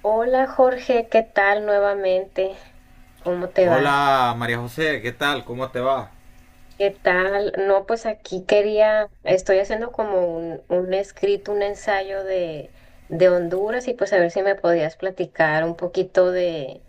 Hola Jorge, ¿qué tal nuevamente? ¿Cómo te va? Hola María José, ¿qué tal? ¿Cómo te va? ¿Qué tal? No, pues aquí estoy haciendo como un escrito, un ensayo de Honduras y pues a ver si me podías platicar un poquito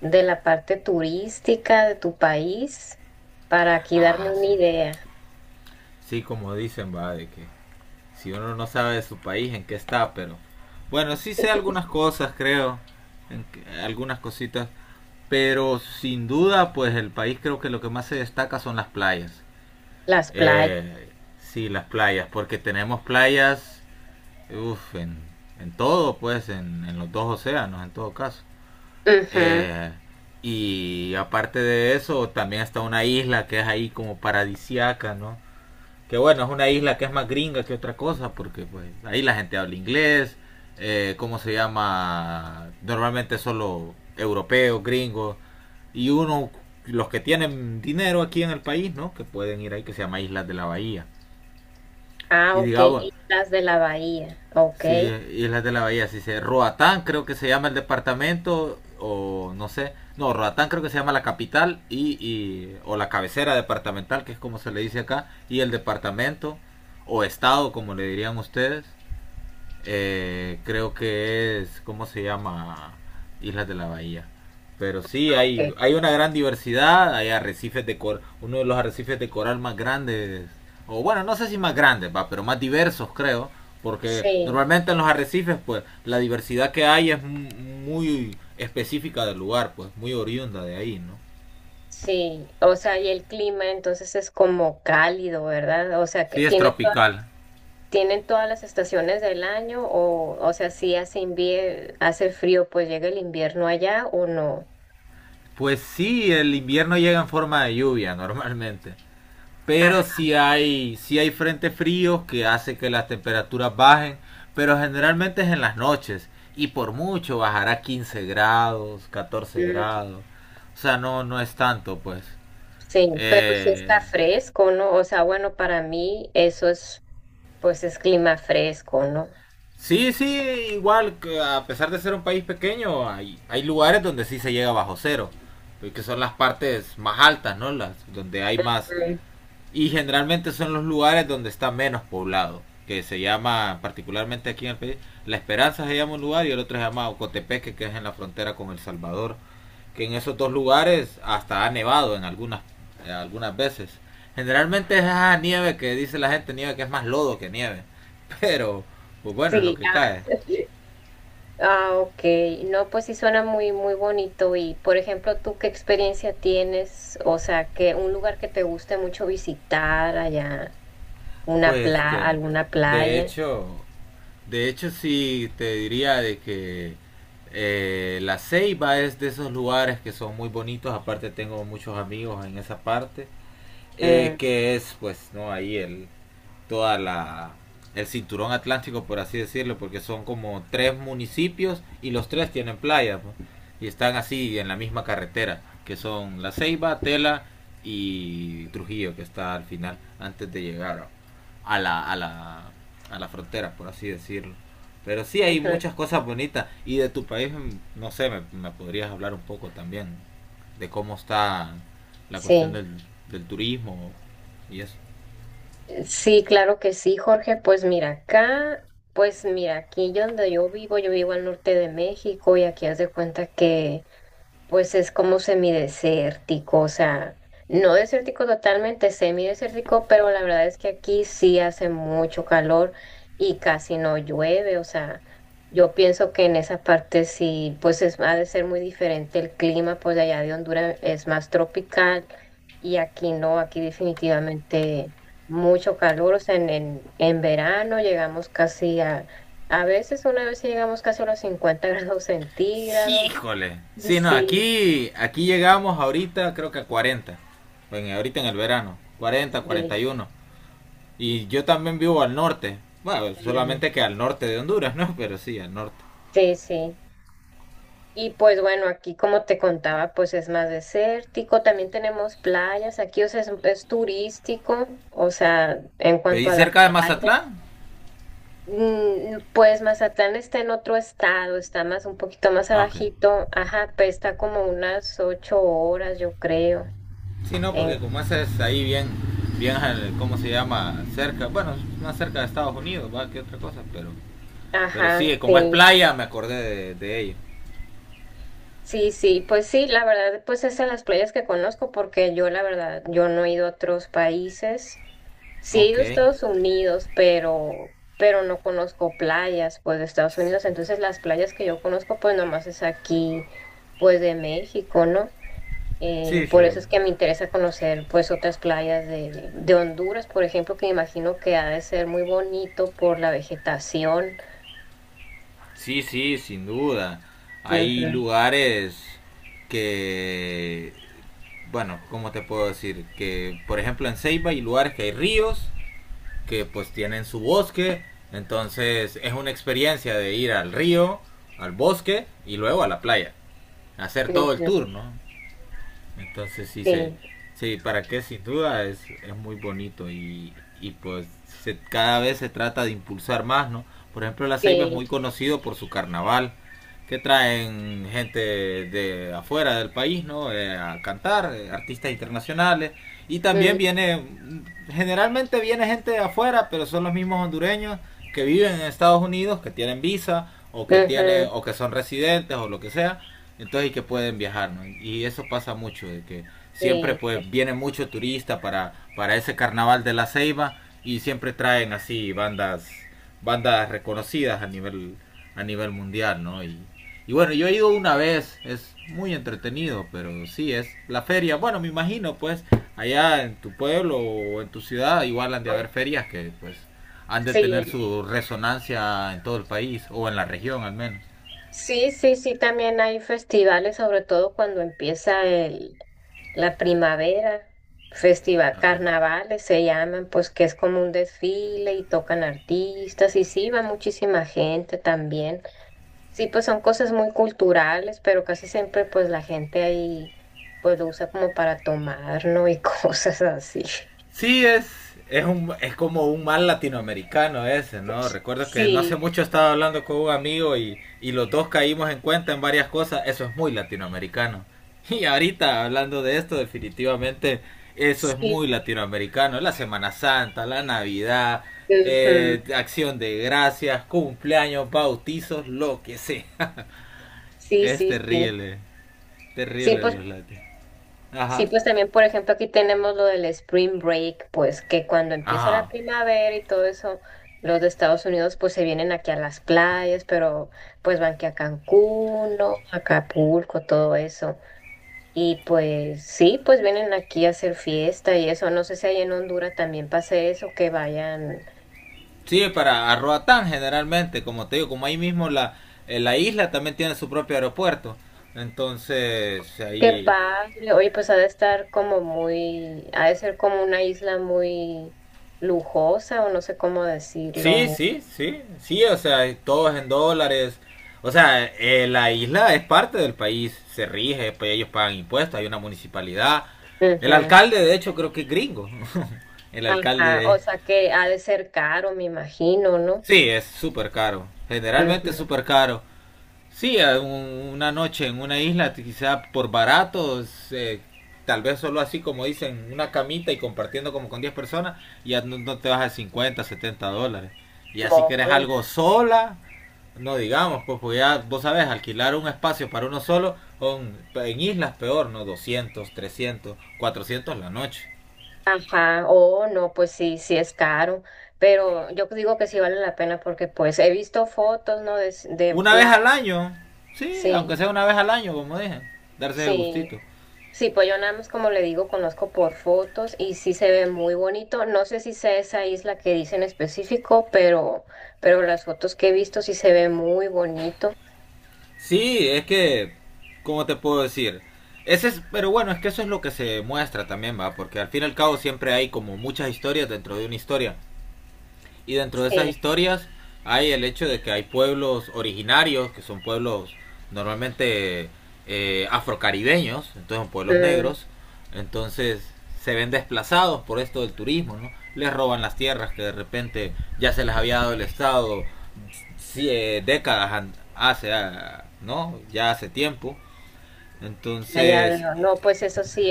de la parte turística de tu país para aquí darme Ah, una sí. idea. Sí, como dicen, va, de que si uno no sabe de su país, en qué está, pero. Bueno, sí sé algunas cosas, creo, algunas cositas, pero sin duda, pues el país creo que lo que más se destaca son las playas. Las playas. Eh, sí, las playas, porque tenemos playas, uf, en todo, pues, en los dos océanos, en todo caso. Ujú. Eh, y aparte de eso, también está una isla que es ahí como paradisiaca, ¿no? Que bueno, es una isla que es más gringa que otra cosa, porque pues ahí la gente habla inglés. ¿Cómo se llama? Normalmente solo europeos, gringos, y uno, los que tienen dinero aquí en el país, ¿no? Que pueden ir ahí, que se llama Islas de la Bahía. Ah, Y ok. digamos, Y las de la bahía. Ok. sí, Islas de la Bahía, sí se, Roatán creo que se llama el departamento, o no sé, no, Roatán creo que se llama la capital y o la cabecera departamental, que es como se le dice acá, y el departamento o estado, como le dirían ustedes. Creo que es, ¿cómo se llama? Islas de la Bahía. Pero sí, Ok. Hay una gran diversidad, hay arrecifes de coral, uno de los arrecifes de coral más grandes, o bueno, no sé si más grandes, va, pero más diversos creo, porque Sí. normalmente en los arrecifes, pues, la diversidad que hay es muy específica del lugar, pues, muy oriunda de ahí, ¿no? Sí, o sea, y el clima entonces es como cálido, ¿verdad? O sea, que Sí, es tienen, tropical. tienen todas las estaciones del año o sea, si hace hace frío, pues llega el invierno allá o no. Pues sí, el invierno llega en forma de lluvia normalmente. Pero Ajá, sí hay frentes fríos que hace que las temperaturas bajen, pero generalmente es en las noches, y por mucho bajará 15 grados, catorce mm, grados. O sea, no, no es tanto, pues. sí, pero si está Eh, fresco, ¿no? O sea, bueno, para mí eso es, pues es clima fresco, ¿no? sí, sí, igual, que a pesar de ser un país pequeño, hay lugares donde sí se llega bajo cero, que son las partes más altas, ¿no? Las, donde hay más. Mm, Y generalmente son los lugares donde está menos poblado, que se llama, particularmente aquí en el país, La Esperanza se llama un lugar, y el otro se llama Ocotepeque, que es en la frontera con El Salvador, que en esos dos lugares hasta ha nevado en algunas veces. Generalmente es esa nieve que dice la gente, nieve que es más lodo que nieve, pero pues bueno, es lo Sí, que cae. ah, ok. No, pues sí suena muy, muy bonito. Y, por ejemplo, ¿tú qué experiencia tienes? O sea, que un lugar que te guste mucho visitar allá, Pues de, alguna de playa. hecho, De hecho, sí te diría de que la Ceiba es de esos lugares que son muy bonitos. Aparte tengo muchos amigos en esa parte. Mm, Que es, pues, no, ahí el, toda la, el cinturón atlántico, por así decirlo, porque son como tres municipios y los tres tienen playa, pues, y están así en la misma carretera, que son La Ceiba, Tela y Trujillo, que está al final, antes de llegar a la a la a la frontera, por así decirlo. Pero sí hay ujú. muchas cosas bonitas, y de tu país no sé, me podrías hablar un poco también de cómo está la cuestión Sí, del turismo y eso. sí, claro que sí, Jorge. Pues mira, acá, pues mira, aquí yo donde yo vivo al norte de México y aquí haz de cuenta que pues es como semidesértico, o sea, no desértico totalmente, semidesértico, pero la verdad es que aquí sí hace mucho calor y casi no llueve, o sea, yo pienso que en esa parte sí, pues es, ha de ser muy diferente el clima, pues de allá de Honduras es más tropical y aquí no, aquí definitivamente mucho calor, o sea, en verano llegamos casi a veces una vez sí llegamos casi a los 50 grados centígrados. Híjole. Sí, Sí, no, sí, aquí llegamos ahorita, creo que a 40. Bueno, ahorita en el verano. Cuarenta, cuarenta sí, y uno. Y yo también vivo al norte. Bueno, mm, solamente que al norte de Honduras, ¿no? Pero sí, al norte. sí, sí. Y pues bueno, aquí como te contaba, pues es más desértico, también tenemos playas, aquí, o sea, es turístico, o sea, en cuanto ¿Pedí a las cerca de playas, Mazatlán? mm, mm, pues Mazatlán está en otro estado, está más, un poquito más Ah, ok. abajito, ajá, pues está como unas 8 horas, yo creo, Sí, no, en, porque como esa es ahí bien, bien, ¿cómo se llama? Cerca, bueno, más cerca de Estados Unidos, va, que otra cosa, pero ajá, sí, como es sí. playa, me acordé de ello. Sí, sí, pues sí, la verdad, pues es de las playas que conozco porque yo la verdad, yo no he ido a otros países. Sí he Ok. ido a Estados Unidos, pero no conozco playas, pues, de Estados Unidos. Entonces, las playas que yo conozco, pues, nomás es aquí, pues, de México, ¿no? Sí, Por eso sí. es que me interesa conocer, pues, otras playas de Honduras, por ejemplo, que me imagino que ha de ser muy bonito por la vegetación. Sí, sí, sin duda. Hay Ujú, lugares que, bueno, ¿cómo te puedo decir? Que, por ejemplo, en Ceiba hay lugares que hay ríos, que pues tienen su bosque, entonces es una experiencia de ir al río, al bosque y luego a la playa, hacer todo el ujú, tour, ¿no? Entonces sí, sí, sí para qué, sin duda es muy bonito, y pues cada vez se trata de impulsar más, ¿no? Por ejemplo, La Ceiba es sí, muy conocido por su carnaval, que traen gente de afuera del país, ¿no? A cantar, artistas internacionales. Y mm, también generalmente viene gente de afuera, pero son los mismos hondureños que viven en Estados Unidos, que tienen visa, o que tienen, ujú, o que son residentes, o lo que sea, entonces, y que pueden viajar, ¿no? Y eso pasa mucho, de que siempre sí, sí. pues viene mucho turista para ese carnaval de la Ceiba, y siempre traen así bandas reconocidas a nivel mundial, ¿no? Y bueno, yo he ido una vez, es muy entretenido, pero sí, es la feria. Bueno, me imagino, pues, allá en tu pueblo o en tu ciudad, igual han de haber ferias que, pues, han de Sí, tener su resonancia en todo el país, o en la región al menos. sí, sí, sí, también hay festivales, sobre todo cuando empieza el, la primavera, festival, Okay. carnavales se llaman, pues que es como un desfile y tocan artistas y sí, va muchísima gente también. Sí, pues son cosas muy culturales, pero casi siempre pues la gente ahí pues lo usa como para tomar, ¿no? Y cosas así. Sí, es como un mal latinoamericano ese, ¿no? Recuerdo que no hace Sí, mucho estaba hablando con un amigo, y los dos caímos en cuenta en varias cosas. Eso es muy latinoamericano. Y ahorita hablando de esto, definitivamente eso es sí. muy latinoamericano. La Semana Santa, la Navidad, Ujú, acción de gracias, cumpleaños, bautizos, lo que sea. sí, Es sí, sí. terrible, Sí, terrible pues los latinos. Ajá. sí, pues también, por ejemplo, aquí tenemos lo del Spring Break, pues que cuando empieza la Ajá. primavera y todo eso, los de Estados Unidos pues se vienen aquí a las playas, pero pues van que a Cancún, ¿no? Acapulco, todo eso. Y pues sí, pues vienen aquí a hacer fiesta y eso. No sé si allá en Honduras también pase eso, que vayan. Sí, para a Roatán generalmente, como te digo, como ahí mismo la isla también tiene su propio aeropuerto. Entonces, Qué ahí. padre. Oye, pues ha de estar como muy, ha de ser como una isla muy lujosa o no sé cómo Sí, decirlo. sí, sí, sí, o sea, todo es en dólares. O sea, la isla es parte del país, se rige, pues ellos pagan impuestos, hay una municipalidad. El Ujú. alcalde, de hecho, creo que es gringo. El Ajá, o alcalde, sea que ha de ser caro, me imagino, ¿no? sí, es súper caro. Generalmente es Ujú. súper caro. Sí, una noche en una isla, quizá por baratos, tal vez solo así como dicen, una camita y compartiendo como con 10 personas, ya no, no te vas a $50, $70. Y así No, que eres pues, algo sola, no digamos, pues, ya vos sabés, alquilar un espacio para uno solo, en islas peor, ¿no? 200, 300, 400 la noche. ajá, oh, no, pues sí, sí es caro, pero yo digo que sí vale la pena porque pues he visto fotos, ¿no? De, de Una vez playa, al año, sí, aunque sí, sea una vez al año, como dije, darse de sí, gustito. sí, pues yo nada más como le digo, conozco por fotos y sí se ve muy bonito, no sé si sea esa isla que dice en específico, pero las fotos que he visto sí se ve muy bonito, Sí, es que, ¿cómo te puedo decir? Pero bueno, es que eso es lo que se muestra también, va, porque al fin y al cabo siempre hay como muchas historias dentro de una historia. Y dentro de esas sí. historias hay el hecho de que hay pueblos originarios, que son pueblos normalmente afrocaribeños, entonces son pueblos Mm, negros, entonces se ven desplazados por esto del turismo, ¿no? Les roban las tierras que de repente ya se les había dado el Estado, sí, décadas hace, ¿no? Ya hace tiempo. ah, ya Entonces, veo. No, pues eso sí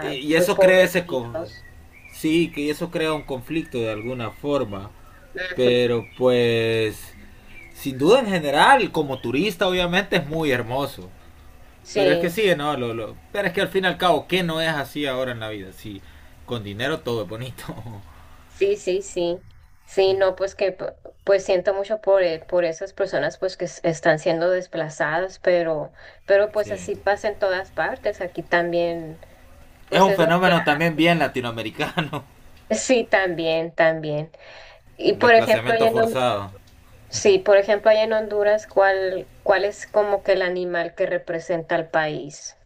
y y pues eso crea pobrecitos. sí, que eso crea un conflicto de alguna forma, Ujú. pero pues sin duda en general como turista obviamente es muy hermoso, pero es que Sí, sí, no, pero es que al fin y al cabo qué no es así ahora en la vida, sí, con dinero todo es bonito. sí, sí, sí. Sí, no, pues que pues siento mucho por esas personas pues que están siendo desplazadas, pero pues sí. así pasa en todas partes. Aquí también, Es pues un es lo que fenómeno hay. también bien latinoamericano, Sí, también, también. Y el por ejemplo, desplazamiento forzado. sí, por ejemplo, allá en Honduras, cuál es como que el animal que representa al país?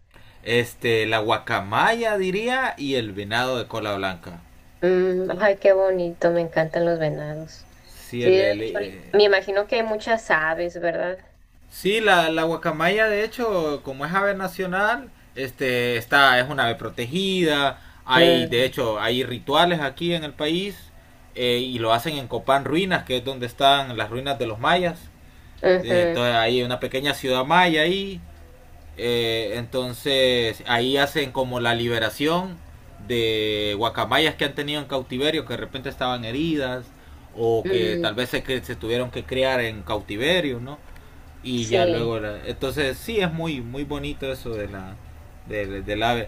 La guacamaya diría, y el venado de cola blanca. Mm, ay, qué bonito, me encantan los venados. Sí, Sí, de hecho, ahorita- me imagino que hay muchas aves, ¿verdad? sí la guacamaya, de hecho, como es ave nacional, es una ave protegida. Hay, de Mm, hecho, hay rituales aquí en el país, y lo hacen en Copán Ruinas, que es donde están las ruinas de los mayas. Eh, ujú, Entonces hay una pequeña ciudad maya ahí. Entonces ahí hacen como la liberación de guacamayas que han tenido en cautiverio, que de repente estaban heridas, o que mm, tal vez se tuvieron que criar en cautiverio, ¿no? Y ya sí, luego, la, entonces sí es muy muy bonito eso de la, del, del ave,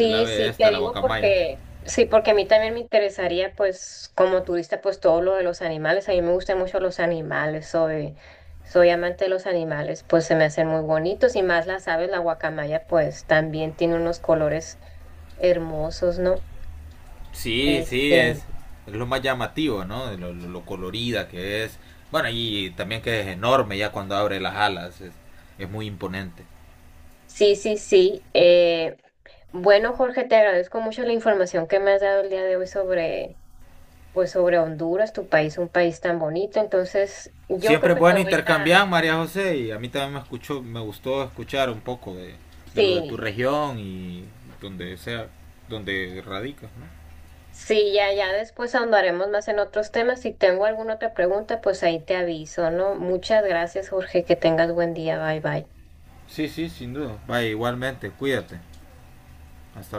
del ave, sí, te esta, la digo guacamaya. porque, sí, porque a mí también me interesaría, pues, como turista, pues todo lo de los animales. A mí me gustan mucho los animales, soy amante de los animales, pues se me hacen muy bonitos y más las aves, la guacamaya, pues también tiene unos colores hermosos, ¿no? Sí, sí Este. Es lo más llamativo, ¿no? Lo colorida que es. Bueno, y también que es enorme ya cuando abre las alas, es muy imponente. Sí, sí, sí. Bueno, Jorge, te agradezco mucho la información que me has dado el día de hoy sobre, pues, sobre Honduras, tu país, un país tan bonito. Entonces, yo creo Siempre es que te bueno voy a... intercambiar, María José, y a mí también me gustó escuchar un poco de lo de tu Sí, región, y donde sea, donde radicas, ¿no? sí, ya, ya después ahondaremos más en otros temas. Si tengo alguna otra pregunta, pues ahí te aviso, ¿no? Muchas gracias, Jorge, que tengas buen día. Bye, bye. Sí, sí, sin duda. Vaya, igualmente, cuídate. Hasta